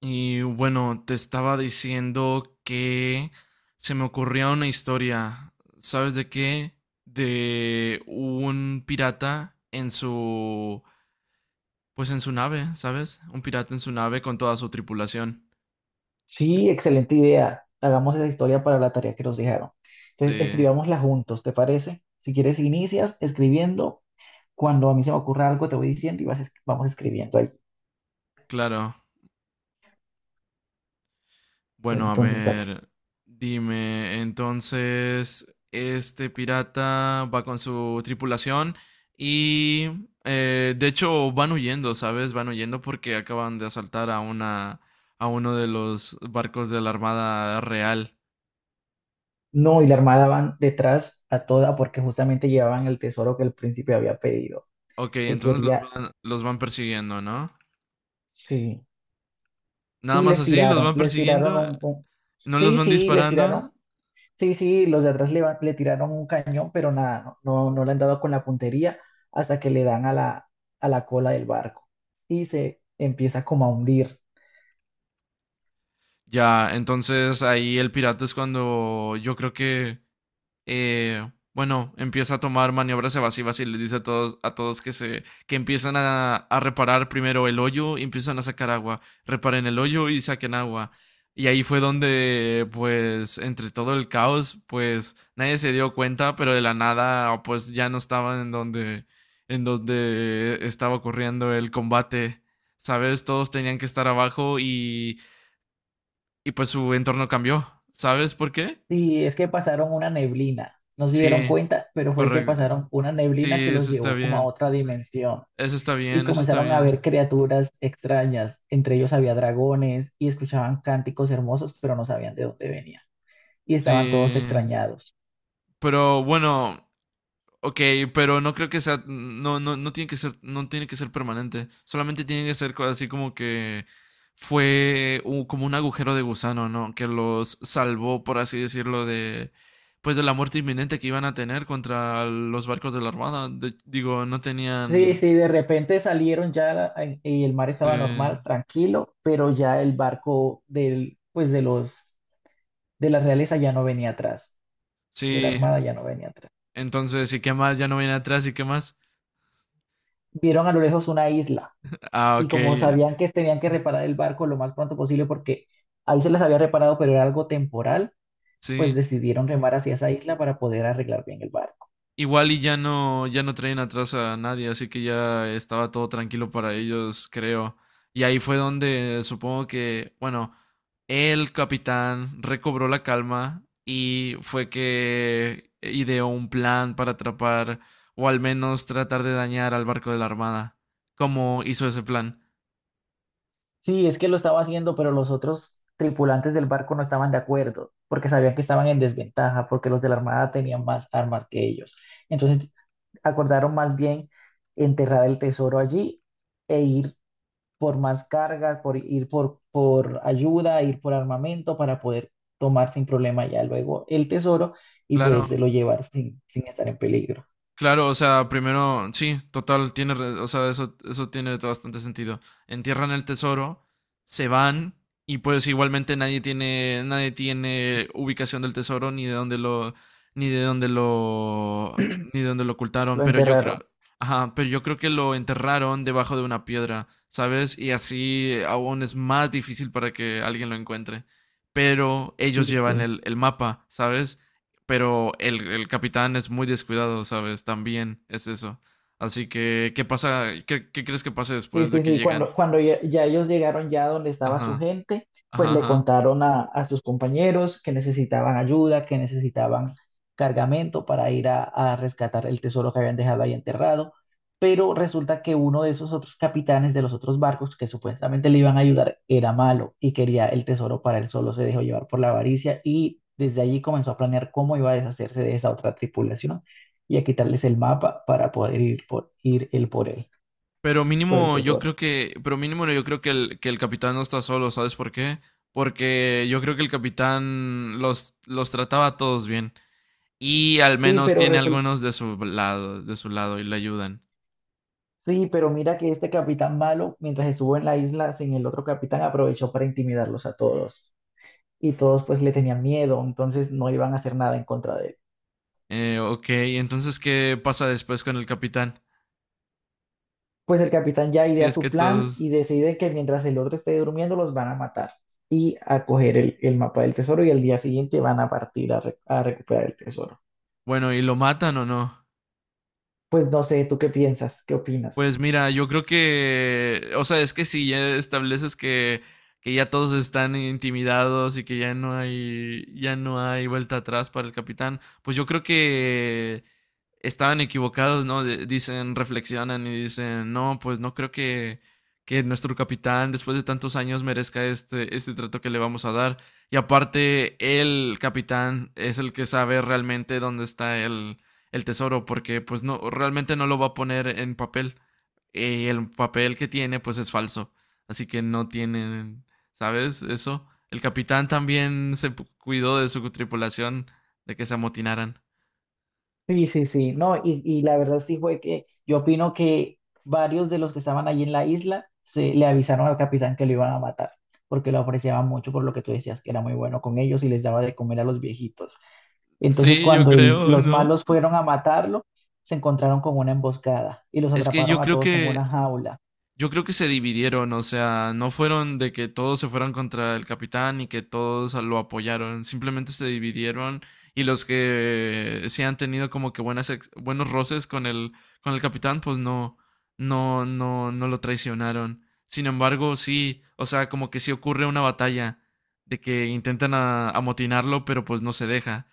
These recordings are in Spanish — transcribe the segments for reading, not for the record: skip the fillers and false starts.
Y bueno, te estaba diciendo que se me ocurría una historia, ¿sabes de qué? De un pirata en pues en su nave, ¿sabes? Un pirata en su nave con toda su tripulación. Sí, excelente idea. Hagamos esa historia para la tarea que nos dejaron. Entonces, Sí, escribámosla juntos, ¿te parece? Si quieres, inicias escribiendo. Cuando a mí se me ocurra algo, te voy diciendo y vas, vamos escribiendo ahí. claro. Bueno, Bueno, a entonces dale. ver, dime, entonces, este pirata va con su tripulación y, de hecho, van huyendo, ¿sabes? Van huyendo porque acaban de asaltar a a uno de los barcos de la Armada Real. No, y la armada van detrás a toda porque justamente llevaban el tesoro que el príncipe había pedido, Ok, que entonces quería. Los van persiguiendo, ¿no? Sí. Nada Y más les así, los tiraron, van les tiraron persiguiendo, un, un- no los Sí, van sí, les tiraron. disparando. Sí, sí, los de atrás le tiraron un cañón, pero nada, no le han dado con la puntería hasta que le dan a la cola del barco y se empieza como a hundir. Ya, entonces ahí el pirata es cuando yo creo quebueno, empieza a tomar maniobras evasivas y les dice a todos que empiezan a reparar primero el hoyo, empiezan a sacar agua, reparen el hoyo y saquen agua. Y ahí fue donde, pues, entre todo el caos, pues, nadie se dio cuenta, pero de la nada, pues, ya no estaban en donde estaba ocurriendo el combate, ¿sabes? Todos tenían que estar abajo y pues su entorno cambió, ¿sabes por qué? Y es que pasaron una neblina, no se dieron Sí, cuenta, pero fue que correcto. pasaron una neblina Sí, que los eso está llevó como a bien. otra dimensión Eso está y bien, eso está comenzaron a bien. ver criaturas extrañas, entre ellos había dragones y escuchaban cánticos hermosos, pero no sabían de dónde venían y estaban todos Sí, extrañados. pero bueno, ok, pero no, no tiene que ser, no tiene que ser permanente. Solamente tiene que ser así como que fue como un agujero de gusano, ¿no? Que los salvó, por así decirlo, de, pues de la muerte inminente que iban a tener contra los barcos de la Armada. Digo, no Sí, tenían, sí, de repente salieron y el mar estaba sí, normal, tranquilo, pero ya el barco del, pues de los, de la realeza ya no venía atrás, de la sí. armada ya no venía atrás. Entonces, ¿y qué más? Ya no viene atrás, ¿y qué más? Vieron a lo lejos una isla Ah, y ok, como sabían que tenían que reparar el barco lo más pronto posible porque ahí se les había reparado, pero era algo temporal, pues sí. decidieron remar hacia esa isla para poder arreglar bien el barco. Igual y ya no traen atrás a nadie, así que ya estaba todo tranquilo para ellos, creo. Y ahí fue donde supongo que, bueno, el capitán recobró la calma y fue que ideó un plan para atrapar o al menos tratar de dañar al barco de la Armada. ¿Cómo hizo ese plan? Sí, es que lo estaba haciendo, pero los otros tripulantes del barco no estaban de acuerdo, porque sabían que estaban en desventaja, porque los de la Armada tenían más armas que ellos. Entonces acordaron más bien enterrar el tesoro allí e ir por más carga, por ayuda, ir por armamento para poder tomar sin problema ya luego el tesoro y Claro. podérselo llevar sin, sin estar en peligro. Claro, o sea, primero, sí, total, o sea, eso tiene bastante sentido. Entierran el tesoro, se van y pues igualmente nadie tiene ubicación del tesoro ni de dónde lo, ni de dónde lo ocultaron. Lo Pero yo creo, enterraron. ajá, pero yo creo que lo enterraron debajo de una piedra, ¿sabes? Y así aún es más difícil para que alguien lo encuentre. Pero Sí, ellos llevan sí. El mapa, ¿sabes? Pero el capitán es muy descuidado, ¿sabes? También es eso. Así que, ¿qué pasa? ¿ qué crees que pase Sí, después de sí, que sí, llegan? Cuando ya, ya ellos llegaron ya donde estaba su Ajá, gente, pues ajá, le ajá. contaron a sus compañeros que necesitaban ayuda, que necesitaban cargamento para ir a rescatar el tesoro que habían dejado ahí enterrado, pero resulta que uno de esos otros capitanes de los otros barcos que supuestamente le iban a ayudar era malo y quería el tesoro para él solo, se dejó llevar por la avaricia y desde allí comenzó a planear cómo iba a deshacerse de esa otra tripulación y a quitarles el mapa para poder ir él por él, Pero por el mínimo, tesoro. Pero mínimo yo creo que que el capitán no está solo, ¿sabes por qué? Porque yo creo que el capitán los trataba a todos bien. Y al Sí, menos tiene algunos de su lado y le ayudan. sí, pero mira que este capitán malo, mientras estuvo en la isla sin el otro capitán, aprovechó para intimidarlos a todos. Y todos pues le tenían miedo, entonces no iban a hacer nada en contra de él. Ok, entonces, ¿qué pasa después con el capitán? Pues el capitán ya Si idea es su que plan todos. y decide que mientras el otro esté durmiendo los van a matar y a coger el mapa del tesoro y al día siguiente van a partir a recuperar el tesoro. Bueno, ¿y lo matan o no? Pues no sé, ¿tú qué piensas? ¿Qué opinas? Pues mira, yo creo que, o sea, es que si ya estableces que ya todos están intimidados y que ya no hay vuelta atrás para el capitán, pues yo creo que estaban equivocados, ¿no? Dicen, reflexionan y dicen, no, pues no creo que nuestro capitán después de tantos años merezca este trato que le vamos a dar. Y aparte, el capitán es el que sabe realmente dónde está el tesoro, porque pues no, realmente no lo va a poner en papel, el papel que tiene pues es falso. Así que no tienen, ¿sabes? Eso. El capitán también cuidó de su tripulación de que se amotinaran. Sí, sí, sí, no, y la verdad sí fue que yo opino que varios de los que estaban allí en la isla se le avisaron al capitán que lo iban a matar, porque lo apreciaban mucho por lo que tú decías, que era muy bueno con ellos y les daba de comer a los viejitos. Entonces, Sí, yo cuando creo, los ¿no? malos fueron a matarlo, se encontraron con una emboscada y los Es que yo atraparon a creo todos en que una jaula. Yo creo que se dividieron, o sea, no fueron de que todos se fueron contra el capitán y que todos lo apoyaron, simplemente se dividieron y los que sí han tenido como que buenos roces con el capitán, pues no lo traicionaron. Sin embargo, sí, o sea, como que sí ocurre una batalla de que intentan amotinarlo, pero pues no se deja.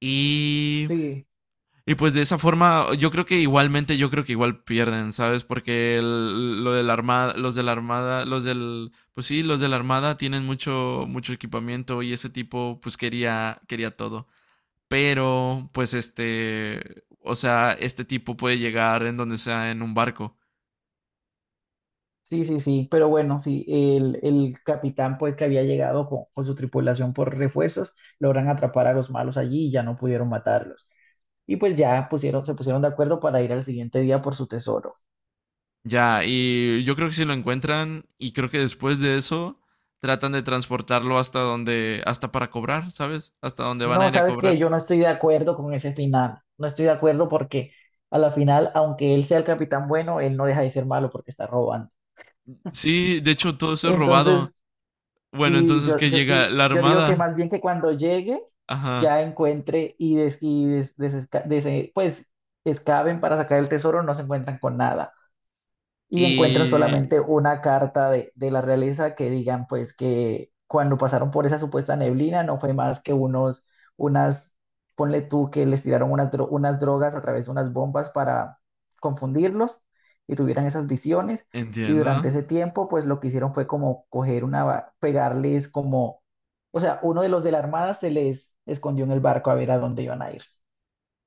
Y Sí, y pues de esa forma, yo creo que igual pierden, ¿sabes? Porque lo de la armada, los del, pues sí, los de la armada tienen mucho, mucho equipamiento y ese tipo, pues quería todo. Pero, pues este, o sea, este tipo puede llegar en donde sea en un barco. sí, pero bueno, sí, el capitán pues que había llegado con su tripulación por refuerzos, logran atrapar a los malos allí y ya no pudieron matarlos. Y pues ya pusieron, se pusieron de acuerdo para ir al siguiente día por su tesoro. Ya, y yo creo que si lo encuentran y creo que después de eso tratan de transportarlo hasta donde, hasta para cobrar, ¿sabes? Hasta donde van a No, ir a ¿sabes qué? cobrar. Yo no estoy de acuerdo con ese final. No estoy de acuerdo porque a la final, aunque él sea el capitán bueno, él no deja de ser malo porque está robando. Sí, de hecho todo eso es Entonces, robado. Bueno, sí, entonces que yo llega sí, la yo digo que armada. más bien que cuando llegue, Ajá. ya encuentre pues excaven para sacar el tesoro, no se encuentran con nada. Y encuentran Y solamente una carta de la realeza que digan pues que cuando pasaron por esa supuesta neblina no fue más que unos, unas, ponle tú que les tiraron unas drogas a través de unas bombas para confundirlos y tuvieran esas visiones. Y entiendo. durante ese tiempo, pues lo que hicieron fue como coger pegarles como, o sea, uno de los de la armada se les escondió en el barco a ver a dónde iban a ir.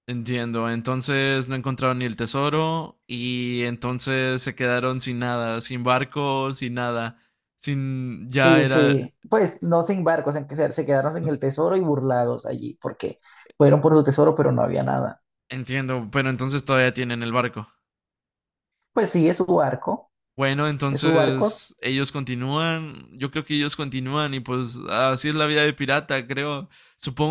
Entiendo. Entonces no encontraron ni el tesoro y entonces se quedaron sin nada, sin barco, sin nada. Sin ya Sí, era, sí, pues no sin barcos, se quedaron sin el tesoro y burlados allí, porque fueron por su tesoro, pero no había nada. entiendo, pero entonces todavía tienen el barco. Pues sí, Bueno, es su barco, entonces ellos continúan, y pues así es la vida de pirata, creo.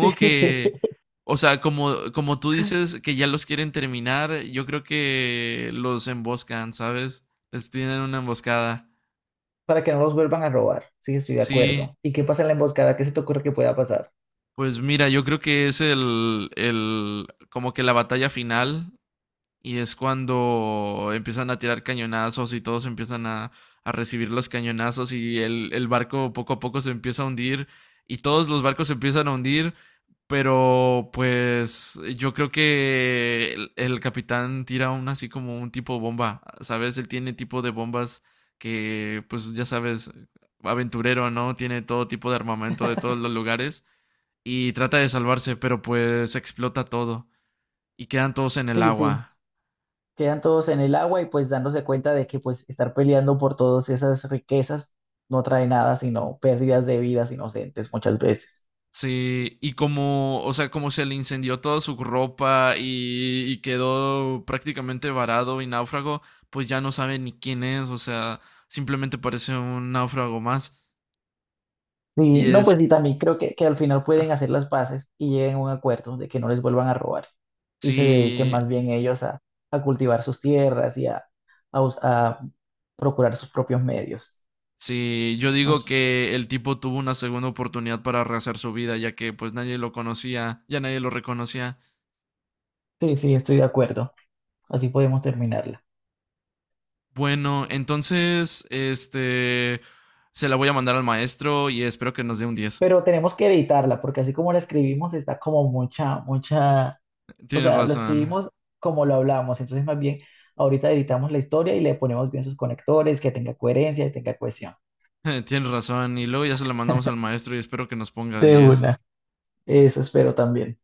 sí, que, o sea, como tú dices que ya los quieren terminar, yo creo que los emboscan, ¿sabes? Les tienen una emboscada. para que no los vuelvan a robar, sí, estoy de Sí, acuerdo. ¿Y qué pasa en la emboscada? ¿Qué se te ocurre que pueda pasar? pues mira, yo creo que es como que la batalla final. Y es cuando empiezan a tirar cañonazos y todos empiezan a recibir los cañonazos y el barco poco a poco se empieza a hundir y todos los barcos se empiezan a hundir, pero pues yo creo que el capitán tira un así como un tipo bomba, ¿sabes? Él tiene tipo de bombas que pues ya sabes, aventurero, ¿no? Tiene todo tipo de armamento de todos los lugares y trata de salvarse, pero pues explota todo y quedan todos en el Sí, sí, agua. quedan todos en el agua y pues dándose cuenta de que pues estar peleando por todas esas riquezas no trae nada, sino pérdidas de vidas inocentes muchas veces. Sí, y como, o sea, como se le incendió toda su ropa y quedó prácticamente varado y náufrago, pues ya no sabe ni quién es, o sea, simplemente parece un náufrago más. Sí, Y no, es, pues sí, también creo que al final pueden ah, hacer las paces y lleguen a un acuerdo de que no les vuelvan a robar y se dediquen sí, más bien ellos a cultivar sus tierras y a procurar sus propios medios. sí, yo No digo sé. que el tipo tuvo una segunda oportunidad para rehacer su vida, ya que pues nadie lo conocía, ya nadie lo reconocía. Sí, sí, estoy de acuerdo. Así podemos terminarla. Bueno, entonces, este, se la voy a mandar al maestro y espero que nos dé un 10. Pero tenemos que editarla porque así como la escribimos está como mucha, mucha, o Tienes sea, lo razón. escribimos como lo hablamos. Entonces más bien ahorita editamos la historia y le ponemos bien sus conectores, que tenga coherencia y tenga cohesión. Tienes razón. Y luego ya se la mandamos al maestro y espero que nos ponga De 10. una. Eso espero también.